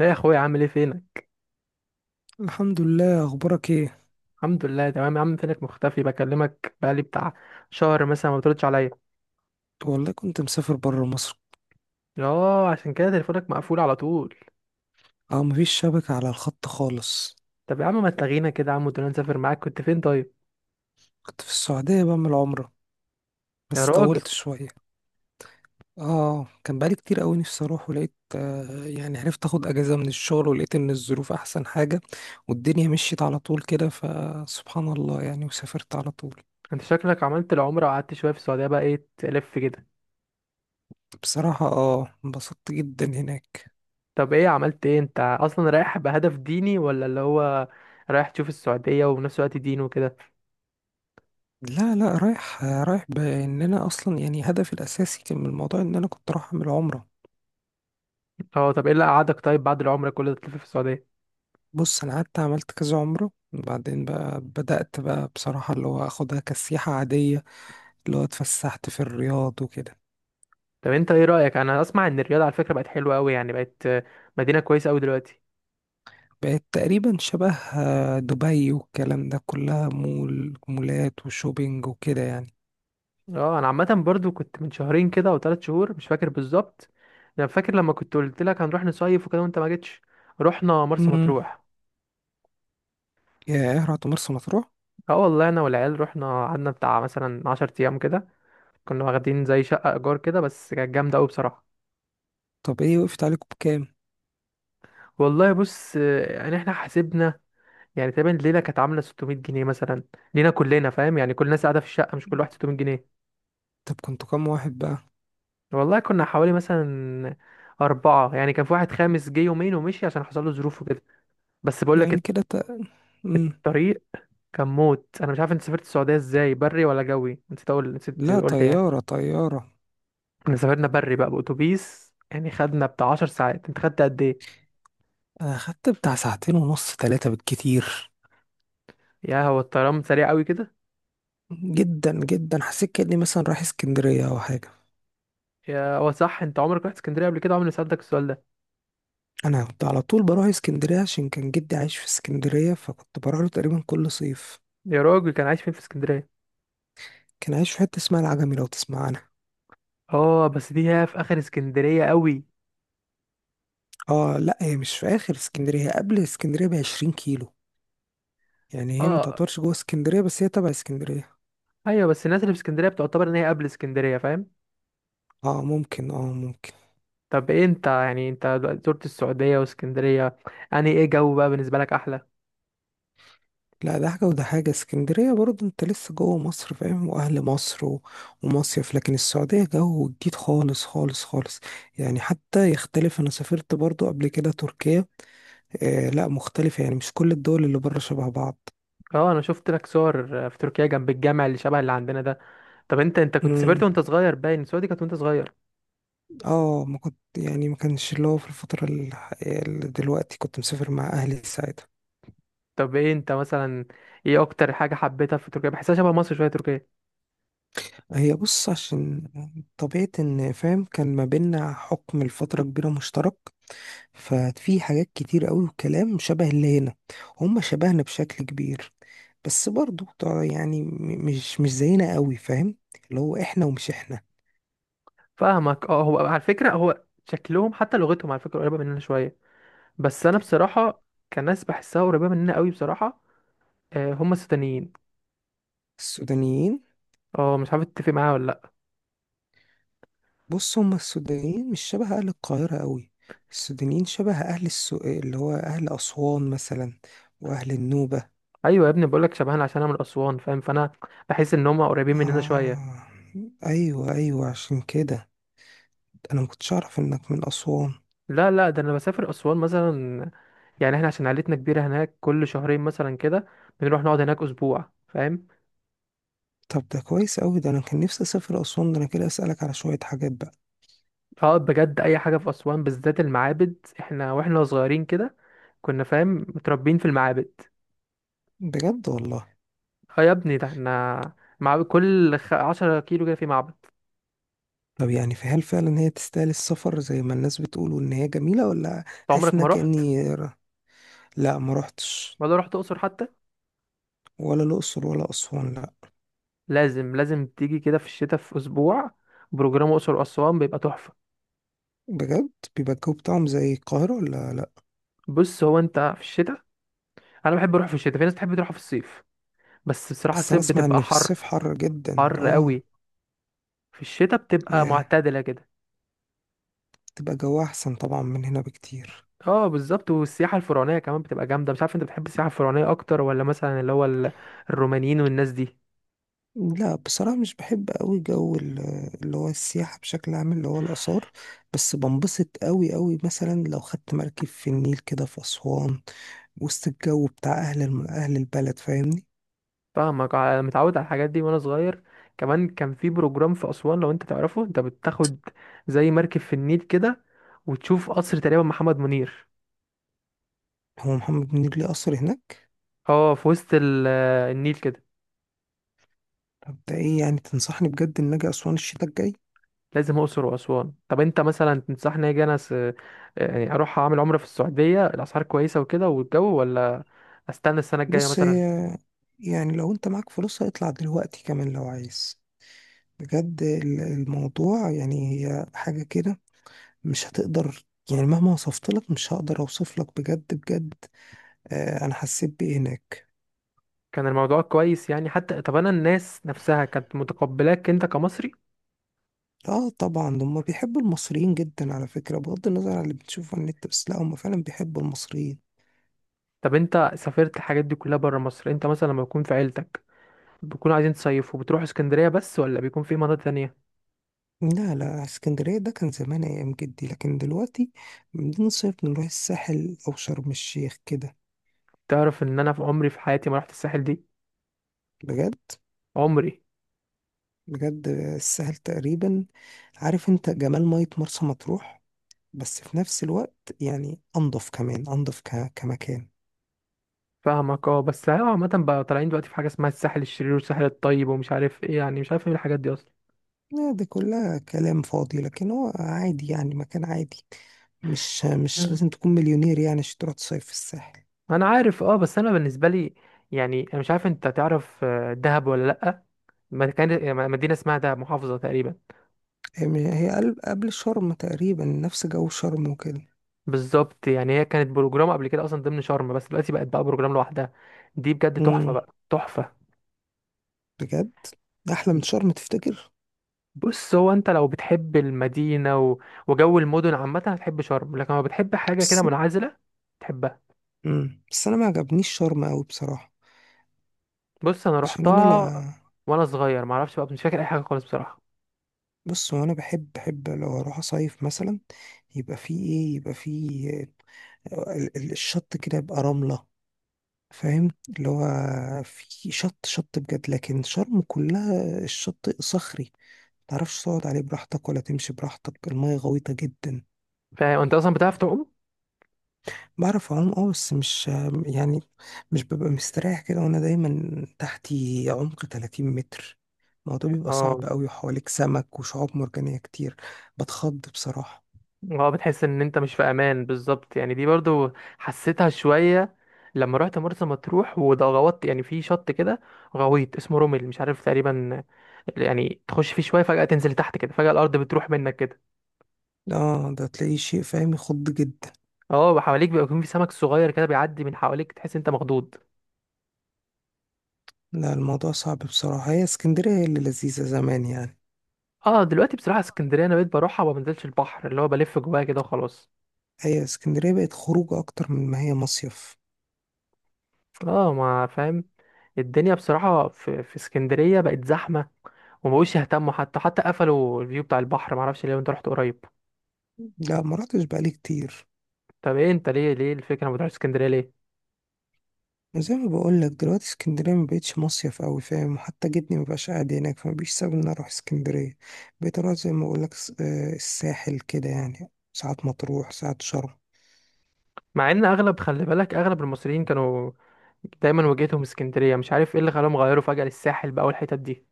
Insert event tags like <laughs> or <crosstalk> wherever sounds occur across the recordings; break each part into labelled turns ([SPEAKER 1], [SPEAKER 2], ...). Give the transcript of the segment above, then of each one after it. [SPEAKER 1] ايه يا اخويا، عامل ايه؟ فينك؟
[SPEAKER 2] الحمد لله، اخبارك ايه؟
[SPEAKER 1] الحمد لله، تمام يا عم. فينك مختفي؟ بكلمك بقالي بتاع شهر مثلا، ما بتردش عليا.
[SPEAKER 2] والله كنت مسافر برا مصر.
[SPEAKER 1] اه، عشان كده تليفونك مقفول على طول.
[SPEAKER 2] اه، مفيش شبكة على الخط خالص.
[SPEAKER 1] طب يا عم، ما تلاغينا كده يا عم، ودنا نسافر معاك. كنت فين طيب؟
[SPEAKER 2] كنت في السعودية بعمل عمرة،
[SPEAKER 1] يا
[SPEAKER 2] بس
[SPEAKER 1] راجل،
[SPEAKER 2] طولت شوية. اه، كان بقالي كتير قوي نفسي اروح، ولقيت يعني عرفت اخد اجازة من الشغل، ولقيت ان الظروف احسن حاجة والدنيا مشيت على طول كده، فسبحان الله يعني، وسافرت على طول.
[SPEAKER 1] انت شكلك عملت العمره وقعدت شويه في السعوديه، بقى ايه تلف كده؟
[SPEAKER 2] بصراحة اه انبسطت جدا هناك.
[SPEAKER 1] طب ايه عملت ايه؟ انت اصلا رايح بهدف ديني، ولا اللي هو رايح تشوف السعوديه وفي نفس الوقت دين وكده؟
[SPEAKER 2] لا، رايح رايح، بان انا اصلا يعني هدفي الاساسي كان من الموضوع ان انا كنت رايح اعمل عمرة.
[SPEAKER 1] اه، طب ايه اللي قعدك طيب بعد العمره كل ده تلف في السعوديه؟
[SPEAKER 2] بص، انا قعدت عملت كذا عمره، وبعدين بقى بدأت بقى بصراحة اللي هو اخدها كسياحة عادية، اللي هو اتفسحت في الرياض وكده.
[SPEAKER 1] طب انت ايه رايك؟ انا اسمع ان الرياض على فكره بقت حلوه قوي، يعني بقت مدينه كويسه قوي دلوقتي.
[SPEAKER 2] بقت تقريبا شبه دبي والكلام ده، كلها مول، مولات وشوبينج وكده يعني.
[SPEAKER 1] اه، انا عامه برضو كنت من شهرين كده او 3 شهور، مش فاكر بالظبط. انا فاكر لما كنت قلت لك هنروح نصيف وكده وانت ما جيتش. رحنا مرسى
[SPEAKER 2] امم
[SPEAKER 1] مطروح.
[SPEAKER 2] يا ايه، رحت مرسى مطروح؟
[SPEAKER 1] اه والله، انا والعيال رحنا قعدنا بتاع مثلا 10 ايام كده. كنا واخدين زي شقه ايجار كده، بس كانت جامده قوي بصراحه.
[SPEAKER 2] طب ايه وقفت عليكم بكام؟
[SPEAKER 1] والله بص، يعني احنا حاسبنا، يعني تقريبا الليله كانت عامله 600 جنيه مثلا لينا كلنا، فاهم؟ يعني كل الناس قاعده في الشقه، مش كل واحد 600 جنيه.
[SPEAKER 2] طب كنتوا كام واحد بقى؟
[SPEAKER 1] والله كنا حوالي مثلا أربعة، يعني كان في واحد خامس جه يومين ومشي عشان حصل له ظروف وكده. بس بقول لك
[SPEAKER 2] يعني كده مم.
[SPEAKER 1] الطريق كان موت. انا مش عارف انت سافرت السعوديه ازاي، بري ولا جوي؟ نسيت اقول، نسيت
[SPEAKER 2] لا،
[SPEAKER 1] قلت يعني.
[SPEAKER 2] طيارة طيارة.
[SPEAKER 1] احنا سافرنا بري بقى باتوبيس، يعني خدنا بتاع 10 ساعات. انت خدت قد ايه؟
[SPEAKER 2] انا خدت بتاع ساعتين ونص، ثلاثة بالكتير.
[SPEAKER 1] يا هو الطيران سريع قوي كده.
[SPEAKER 2] جدا جدا، حسيت كأني مثلا رايح اسكندرية او حاجة.
[SPEAKER 1] يا هو صح، انت عمرك رحت اسكندريه قبل كده؟ عمري ما سالتك السؤال ده.
[SPEAKER 2] انا كنت على طول بروح اسكندريه، عشان كان جدي عايش في اسكندريه، فكنت بروح له تقريبا كل صيف.
[SPEAKER 1] يا راجل، كان عايش فين في اسكندريه؟
[SPEAKER 2] كان عايش في حته اسمها العجمي، لو تسمع عنها.
[SPEAKER 1] اه بس دي هي في اخر اسكندريه قوي.
[SPEAKER 2] اه، لا هي مش في اخر اسكندريه، هي قبل اسكندريه ب 20 كيلو. يعني هي ما
[SPEAKER 1] اه،
[SPEAKER 2] تعتبرش جوه اسكندريه، بس هي تبع اسكندريه.
[SPEAKER 1] ايوه بس الناس اللي في اسكندريه بتعتبر ان هي قبل اسكندريه، فاهم؟
[SPEAKER 2] اه ممكن، اه ممكن.
[SPEAKER 1] طب ايه انت يعني، انت دلوقتي زرت السعوديه واسكندريه، يعني ايه جو بقى بالنسبه لك احلى؟
[SPEAKER 2] لا، ده حاجه وده حاجه. اسكندريه برضه انت لسه جوه مصر فاهم، واهل مصر ومصيف، لكن السعوديه جو جديد خالص خالص خالص. يعني حتى يختلف، انا سافرت برضه قبل كده تركيا، آه لا مختلفة، يعني مش كل الدول اللي بره شبه بعض.
[SPEAKER 1] اه، انا شفت لك صور في تركيا جنب الجامع اللي شبه اللي عندنا ده. طب انت كنت سافرت
[SPEAKER 2] مم.
[SPEAKER 1] وانت صغير، باين السعودية دي كانت وانت صغير.
[SPEAKER 2] اه، ما كنت يعني ما كانش اللي هو في الفترة اللي دلوقتي، كنت مسافر مع أهلي ساعتها.
[SPEAKER 1] طب ايه انت مثلا، ايه اكتر حاجة حبيتها في تركيا؟ بحسها شبه مصر شوية تركيا.
[SPEAKER 2] هي بص، عشان طبيعة إن فاهم كان ما بينا حكم لفترة كبيرة مشترك، ففي حاجات كتير أوي وكلام شبه اللي هنا. هم شبهنا بشكل كبير، بس برضو طبعاً يعني مش زينا أوي فاهم، اللي هو إحنا ومش إحنا.
[SPEAKER 1] فاهمك. اه، هو على فكرة، هو شكلهم حتى لغتهم على فكرة قريبة مننا شوية. بس انا بصراحة كناس بحسها قريبة مننا قوي بصراحة. اه، هم السودانيين.
[SPEAKER 2] السودانيين.
[SPEAKER 1] اه، مش عارف تتفق معايا ولا لا.
[SPEAKER 2] بص، هما السودانيين مش شبه أهل القاهرة قوي. السودانيين شبه اللي هو أهل أسوان مثلا، وأهل النوبة.
[SPEAKER 1] ايوه يا ابني، بقول لك شبهنا عشان انا من اسوان، فاهم؟ فانا بحس ان هم قريبين مننا شوية.
[SPEAKER 2] آه، أيوة أيوة، عشان كده أنا مكنتش أعرف إنك من أسوان.
[SPEAKER 1] لا لا، ده انا بسافر اسوان مثلا. يعني احنا عشان عيلتنا كبيرة هناك، كل شهرين مثلا كده بنروح نقعد هناك اسبوع، فاهم؟
[SPEAKER 2] طب ده كويس أوي، ده أنا كان نفسي أسافر أسوان، ده أنا كده أسألك على شوية حاجات بقى.
[SPEAKER 1] اه بجد اي حاجه. في اسوان بالذات المعابد، احنا واحنا صغيرين كده كنا فاهم متربيين في المعابد.
[SPEAKER 2] بجد والله؟
[SPEAKER 1] اه يا ابني، ده احنا مع كل 10 كيلو كده في معبد.
[SPEAKER 2] طب يعني في، هل فعلا هي تستاهل السفر زي ما الناس بتقول وإن هي جميلة، ولا
[SPEAKER 1] انت
[SPEAKER 2] حاسس
[SPEAKER 1] عمرك ما
[SPEAKER 2] إنك
[SPEAKER 1] رحت؟
[SPEAKER 2] كأني لا ما روحتش.
[SPEAKER 1] ولا رحت اقصر حتى؟
[SPEAKER 2] ولا الأقصر ولا أسوان، لا.
[SPEAKER 1] لازم تيجي كده في الشتاء في اسبوع. بروجرام اقصر واسوان بيبقى تحفه.
[SPEAKER 2] بجد؟ بيبقى الجو بتاعهم زي القاهرة ولا لأ؟
[SPEAKER 1] بص هو انت في الشتاء، انا بحب اروح في الشتاء، في ناس بتحب تروح في الصيف. بس بصراحه
[SPEAKER 2] بس أنا
[SPEAKER 1] الصيف
[SPEAKER 2] أسمع
[SPEAKER 1] بتبقى
[SPEAKER 2] إن في
[SPEAKER 1] حر.
[SPEAKER 2] الصيف حر جدا
[SPEAKER 1] حر
[SPEAKER 2] اه.
[SPEAKER 1] قوي. في الشتاء بتبقى
[SPEAKER 2] ياه،
[SPEAKER 1] معتدله كده.
[SPEAKER 2] تبقى جو أحسن طبعا من هنا بكتير.
[SPEAKER 1] اه بالظبط. والسياحة الفرعونية كمان بتبقى جامدة. مش عارف انت بتحب السياحة الفرعونية اكتر، ولا مثلا اللي هو الرومانيين والناس دي؟
[SPEAKER 2] لا بصراحة، مش بحب أوي جو اللي هو السياحة بشكل عام، اللي هو الآثار. بس بنبسط أوي أوي مثلا لو خدت مركب في النيل كده في أسوان، وسط الجو بتاع أهل البلد فاهمني.
[SPEAKER 1] فاهمك. متعود على الحاجات دي وانا صغير. كمان كان في بروجرام في اسوان لو انت تعرفه، انت بتاخد زي مركب في النيل كده وتشوف قصر تقريبا محمد منير.
[SPEAKER 2] هو محمد منير ليه قصر هناك؟
[SPEAKER 1] اه، في وسط النيل كده.
[SPEAKER 2] طب ده إيه، يعني تنصحني بجد إن أجي أسوان الشتاء الجاي؟
[SPEAKER 1] لازم اقصر واسوان. طب انت مثلا تنصحني اجي انا يعني اروح اعمل عمرة في السعودية؟ الاسعار كويسة وكده والجو، ولا استنى السنة الجاية
[SPEAKER 2] بص
[SPEAKER 1] مثلا؟
[SPEAKER 2] هي، يعني لو انت معاك فلوسها اطلع دلوقتي كمان لو عايز. بجد، الموضوع يعني هي حاجة كده مش هتقدر، يعني مهما وصفت لك مش هقدر اوصف لك بجد بجد آه انا حسيت بايه هناك.
[SPEAKER 1] كان الموضوع كويس يعني حتى، طب انا الناس نفسها كانت متقبلاك انت كمصري؟
[SPEAKER 2] اه طبعا هم بيحبوا المصريين جدا على فكرة، بغض النظر عن اللي بتشوفه على النت، بس لا هم فعلا بيحبوا المصريين.
[SPEAKER 1] طب انت سافرت الحاجات دي كلها بره مصر، انت مثلا لما بيكون في عيلتك بيكونوا عايزين تصيفوا، بتروحوا اسكندرية بس ولا بيكون في مناطق تانية؟
[SPEAKER 2] لا لا، اسكندرية ده كان زمان أيام جدي، لكن دلوقتي بنصيف نروح الساحل أو شرم الشيخ كده.
[SPEAKER 1] تعرف ان انا في عمري في حياتي ما رحت الساحل دي؟
[SPEAKER 2] بجد؟
[SPEAKER 1] عمري.
[SPEAKER 2] بجد، السهل تقريبا. عارف انت جمال مية مرسى مطروح، بس في نفس الوقت يعني انضف كمان، انضف كمكان.
[SPEAKER 1] فاهمك. اه بس هو عامة بقى طالعين دلوقتي في حاجة اسمها الساحل الشرير والساحل الطيب، ومش عارف ايه، يعني مش عارف ايه الحاجات دي اصلا.
[SPEAKER 2] لا دي كلها كلام فاضي، لكن هو عادي يعني، مكان عادي. مش
[SPEAKER 1] مم.
[SPEAKER 2] لازم تكون مليونير يعني عشان تروح تصيف في الساحل.
[SPEAKER 1] انا عارف. اه بس انا بالنسبه لي، يعني انا مش عارف انت تعرف دهب ولا لا؟ ما كان مدينه اسمها دهب، محافظه تقريبا.
[SPEAKER 2] هي هي قبل شرم تقريبا، نفس جو شرم وكده.
[SPEAKER 1] بالظبط، يعني هي كانت بروجرام قبل كده اصلا ضمن شرم، بس دلوقتي بقت بقى بروجرام لوحدها. دي بجد تحفه
[SPEAKER 2] امم،
[SPEAKER 1] بقى، تحفه.
[SPEAKER 2] بجد. ده احلى من شرم تفتكر؟
[SPEAKER 1] بص هو انت لو بتحب المدينه وجو المدن عامه هتحب شرم، لكن لو بتحب حاجه كده
[SPEAKER 2] بس.
[SPEAKER 1] منعزله تحبها.
[SPEAKER 2] امم، بس انا ما عجبنيش شرم قوي بصراحة،
[SPEAKER 1] بص انا
[SPEAKER 2] عشان انا
[SPEAKER 1] روحتها
[SPEAKER 2] لا.
[SPEAKER 1] وانا صغير، معرفش بقى، مش فاكر اي حاجه خالص بصراحه.
[SPEAKER 2] بص هو انا بحب، بحب لو اروح اصيف مثلا، يبقى فيه ايه، يبقى فيه الشط كده يبقى رملة فاهم اللي هو، في شط، شط بجد، لكن شرم كلها الشط صخري، متعرفش تقعد عليه براحتك ولا تمشي براحتك، المية غويطة جدا.
[SPEAKER 1] فاهم. انت اصلا بتعرف تعوم؟
[SPEAKER 2] بعرف اعوم اه، بس مش يعني مش ببقى مستريح كده، وانا دايما تحتي عمق 30 متر. الموضوع بيبقى
[SPEAKER 1] اه.
[SPEAKER 2] صعب قوي، وحواليك سمك وشعاب مرجانية كتير. بتخض بصراحة.
[SPEAKER 1] اه بتحس ان انت مش في امان بالظبط. يعني دي برضو حسيتها شويه لما رحت مرسى مطروح. وده غوطت يعني في شط كده غويط، اسمه رومل مش عارف تقريبا. يعني تخش فيه شويه فجاه تنزل تحت كده، فجاه الارض بتروح منك كده.
[SPEAKER 2] اه ده تلاقيه شيء فاهم يخض جدا.
[SPEAKER 1] اه، وحواليك بيبقى يكون في سمك صغير كده بيعدي من حواليك، تحس انت مخضوض.
[SPEAKER 2] لا الموضوع صعب بصراحة، هي اسكندرية هي اللي لذيذة زمان يعني.
[SPEAKER 1] اه دلوقتي بصراحه اسكندريه انا بقيت بروحها وما بنزلش البحر، اللي هو بلف جواها كده وخلاص.
[SPEAKER 2] هي اسكندرية بقت خروج أكتر من ما هي مصيف.
[SPEAKER 1] اه، ما فاهم. الدنيا بصراحه في اسكندريه بقت زحمه، وما بقوش يهتموا، حتى قفلوا الفيو بتاع البحر، ما اعرفش ليه. انت رحت قريب؟
[SPEAKER 2] لا ما رحتش بقالي كتير.
[SPEAKER 1] طب ايه انت ليه؟ الفكره ما تروحش اسكندريه ليه؟
[SPEAKER 2] زي ما بقولك دلوقتي، اسكندرية ما بقتش مصيف أوي فاهم، حتى جدني مبقاش قاعد هناك، فما بيش سبب إن أنا أروح اسكندرية. بقيت أروح زي ما بقولك الساحل كده، يعني ساعات مطروح ساعات شرم.
[SPEAKER 1] مع ان اغلب، خلي بالك، اغلب المصريين كانوا دايما وجهتهم اسكندريه، مش عارف ايه اللي خلاهم غيروا فجاه للساحل بقى والحتت دي.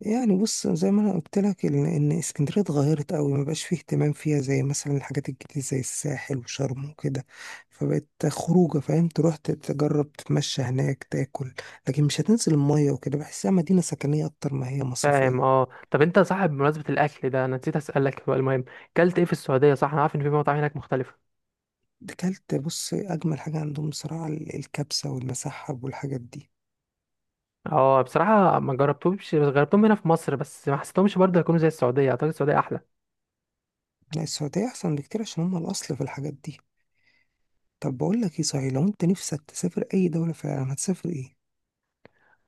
[SPEAKER 2] يعني بص، زي ما انا قلت لك ان، إن اسكندريه اتغيرت قوي، ما بقاش فيه اهتمام فيها زي مثلا الحاجات الجديده زي الساحل وشرم وكده، فبقت خروجه فاهم، تروح تجرب تتمشى هناك تاكل، لكن مش هتنزل الميه وكده، بحسها مدينه سكنيه اكتر ما هي
[SPEAKER 1] فاهم.
[SPEAKER 2] مصيفيه.
[SPEAKER 1] اه طب انت صاحب، بمناسبه الاكل ده انا نسيت اسالك، هو المهم كلت ايه في السعوديه؟ صح، انا عارف ان في مطاعم هناك مختلفه.
[SPEAKER 2] اكلت، بص اجمل حاجه عندهم بصراحه الكبسه والمسحب والحاجات دي.
[SPEAKER 1] اه بصراحه ما جربتهمش. بس جربتهم هنا في مصر، بس ما حسيتهمش برضه هيكونوا زي السعوديه. اعتقد السعوديه احلى.
[SPEAKER 2] لا السعوديه احسن بكتير، عشان هم الاصل في الحاجات دي. طب بقول لك ايه صحيح، لو انت نفسك تسافر اي دوله في العالم، هتسافر ايه؟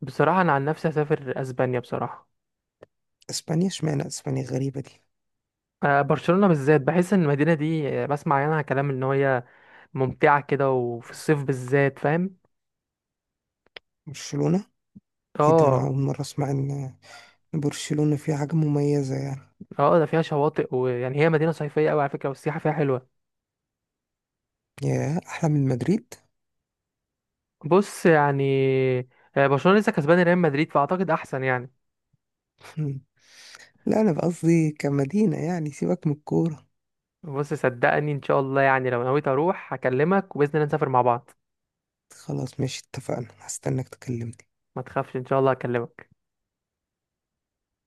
[SPEAKER 1] بصراحه انا عن نفسي هسافر اسبانيا بصراحه.
[SPEAKER 2] اسبانيا؟ اشمعنى اسبانيا، غريبه دي.
[SPEAKER 1] برشلونه بالذات. بحس ان المدينه دي بسمع عنها كلام ان هي ممتعه كده، وفي الصيف بالذات، فاهم.
[SPEAKER 2] برشلونه؟ ايه ده، انا
[SPEAKER 1] اه.
[SPEAKER 2] اول مرة اسمع ان برشلونة فيها حاجة مميزة يعني.
[SPEAKER 1] اه ده فيها شواطئ، ويعني هي مدينة صيفية قوي على فكرة، والسياحة فيها حلوة.
[SPEAKER 2] ياه، احلى من مدريد؟
[SPEAKER 1] بص يعني برشلونة لسه كسبان ريال مدريد، فأعتقد أحسن يعني.
[SPEAKER 2] <laughs> لا انا قصدي كمدينة، يعني سيبك من الكورة.
[SPEAKER 1] بص صدقني، إن شاء الله يعني لو نويت أروح هكلمك، وبإذن الله نسافر مع بعض.
[SPEAKER 2] خلاص ماشي، اتفقنا، هستناك تكلمني.
[SPEAKER 1] ما تخافش، إن شاء الله هكلمك.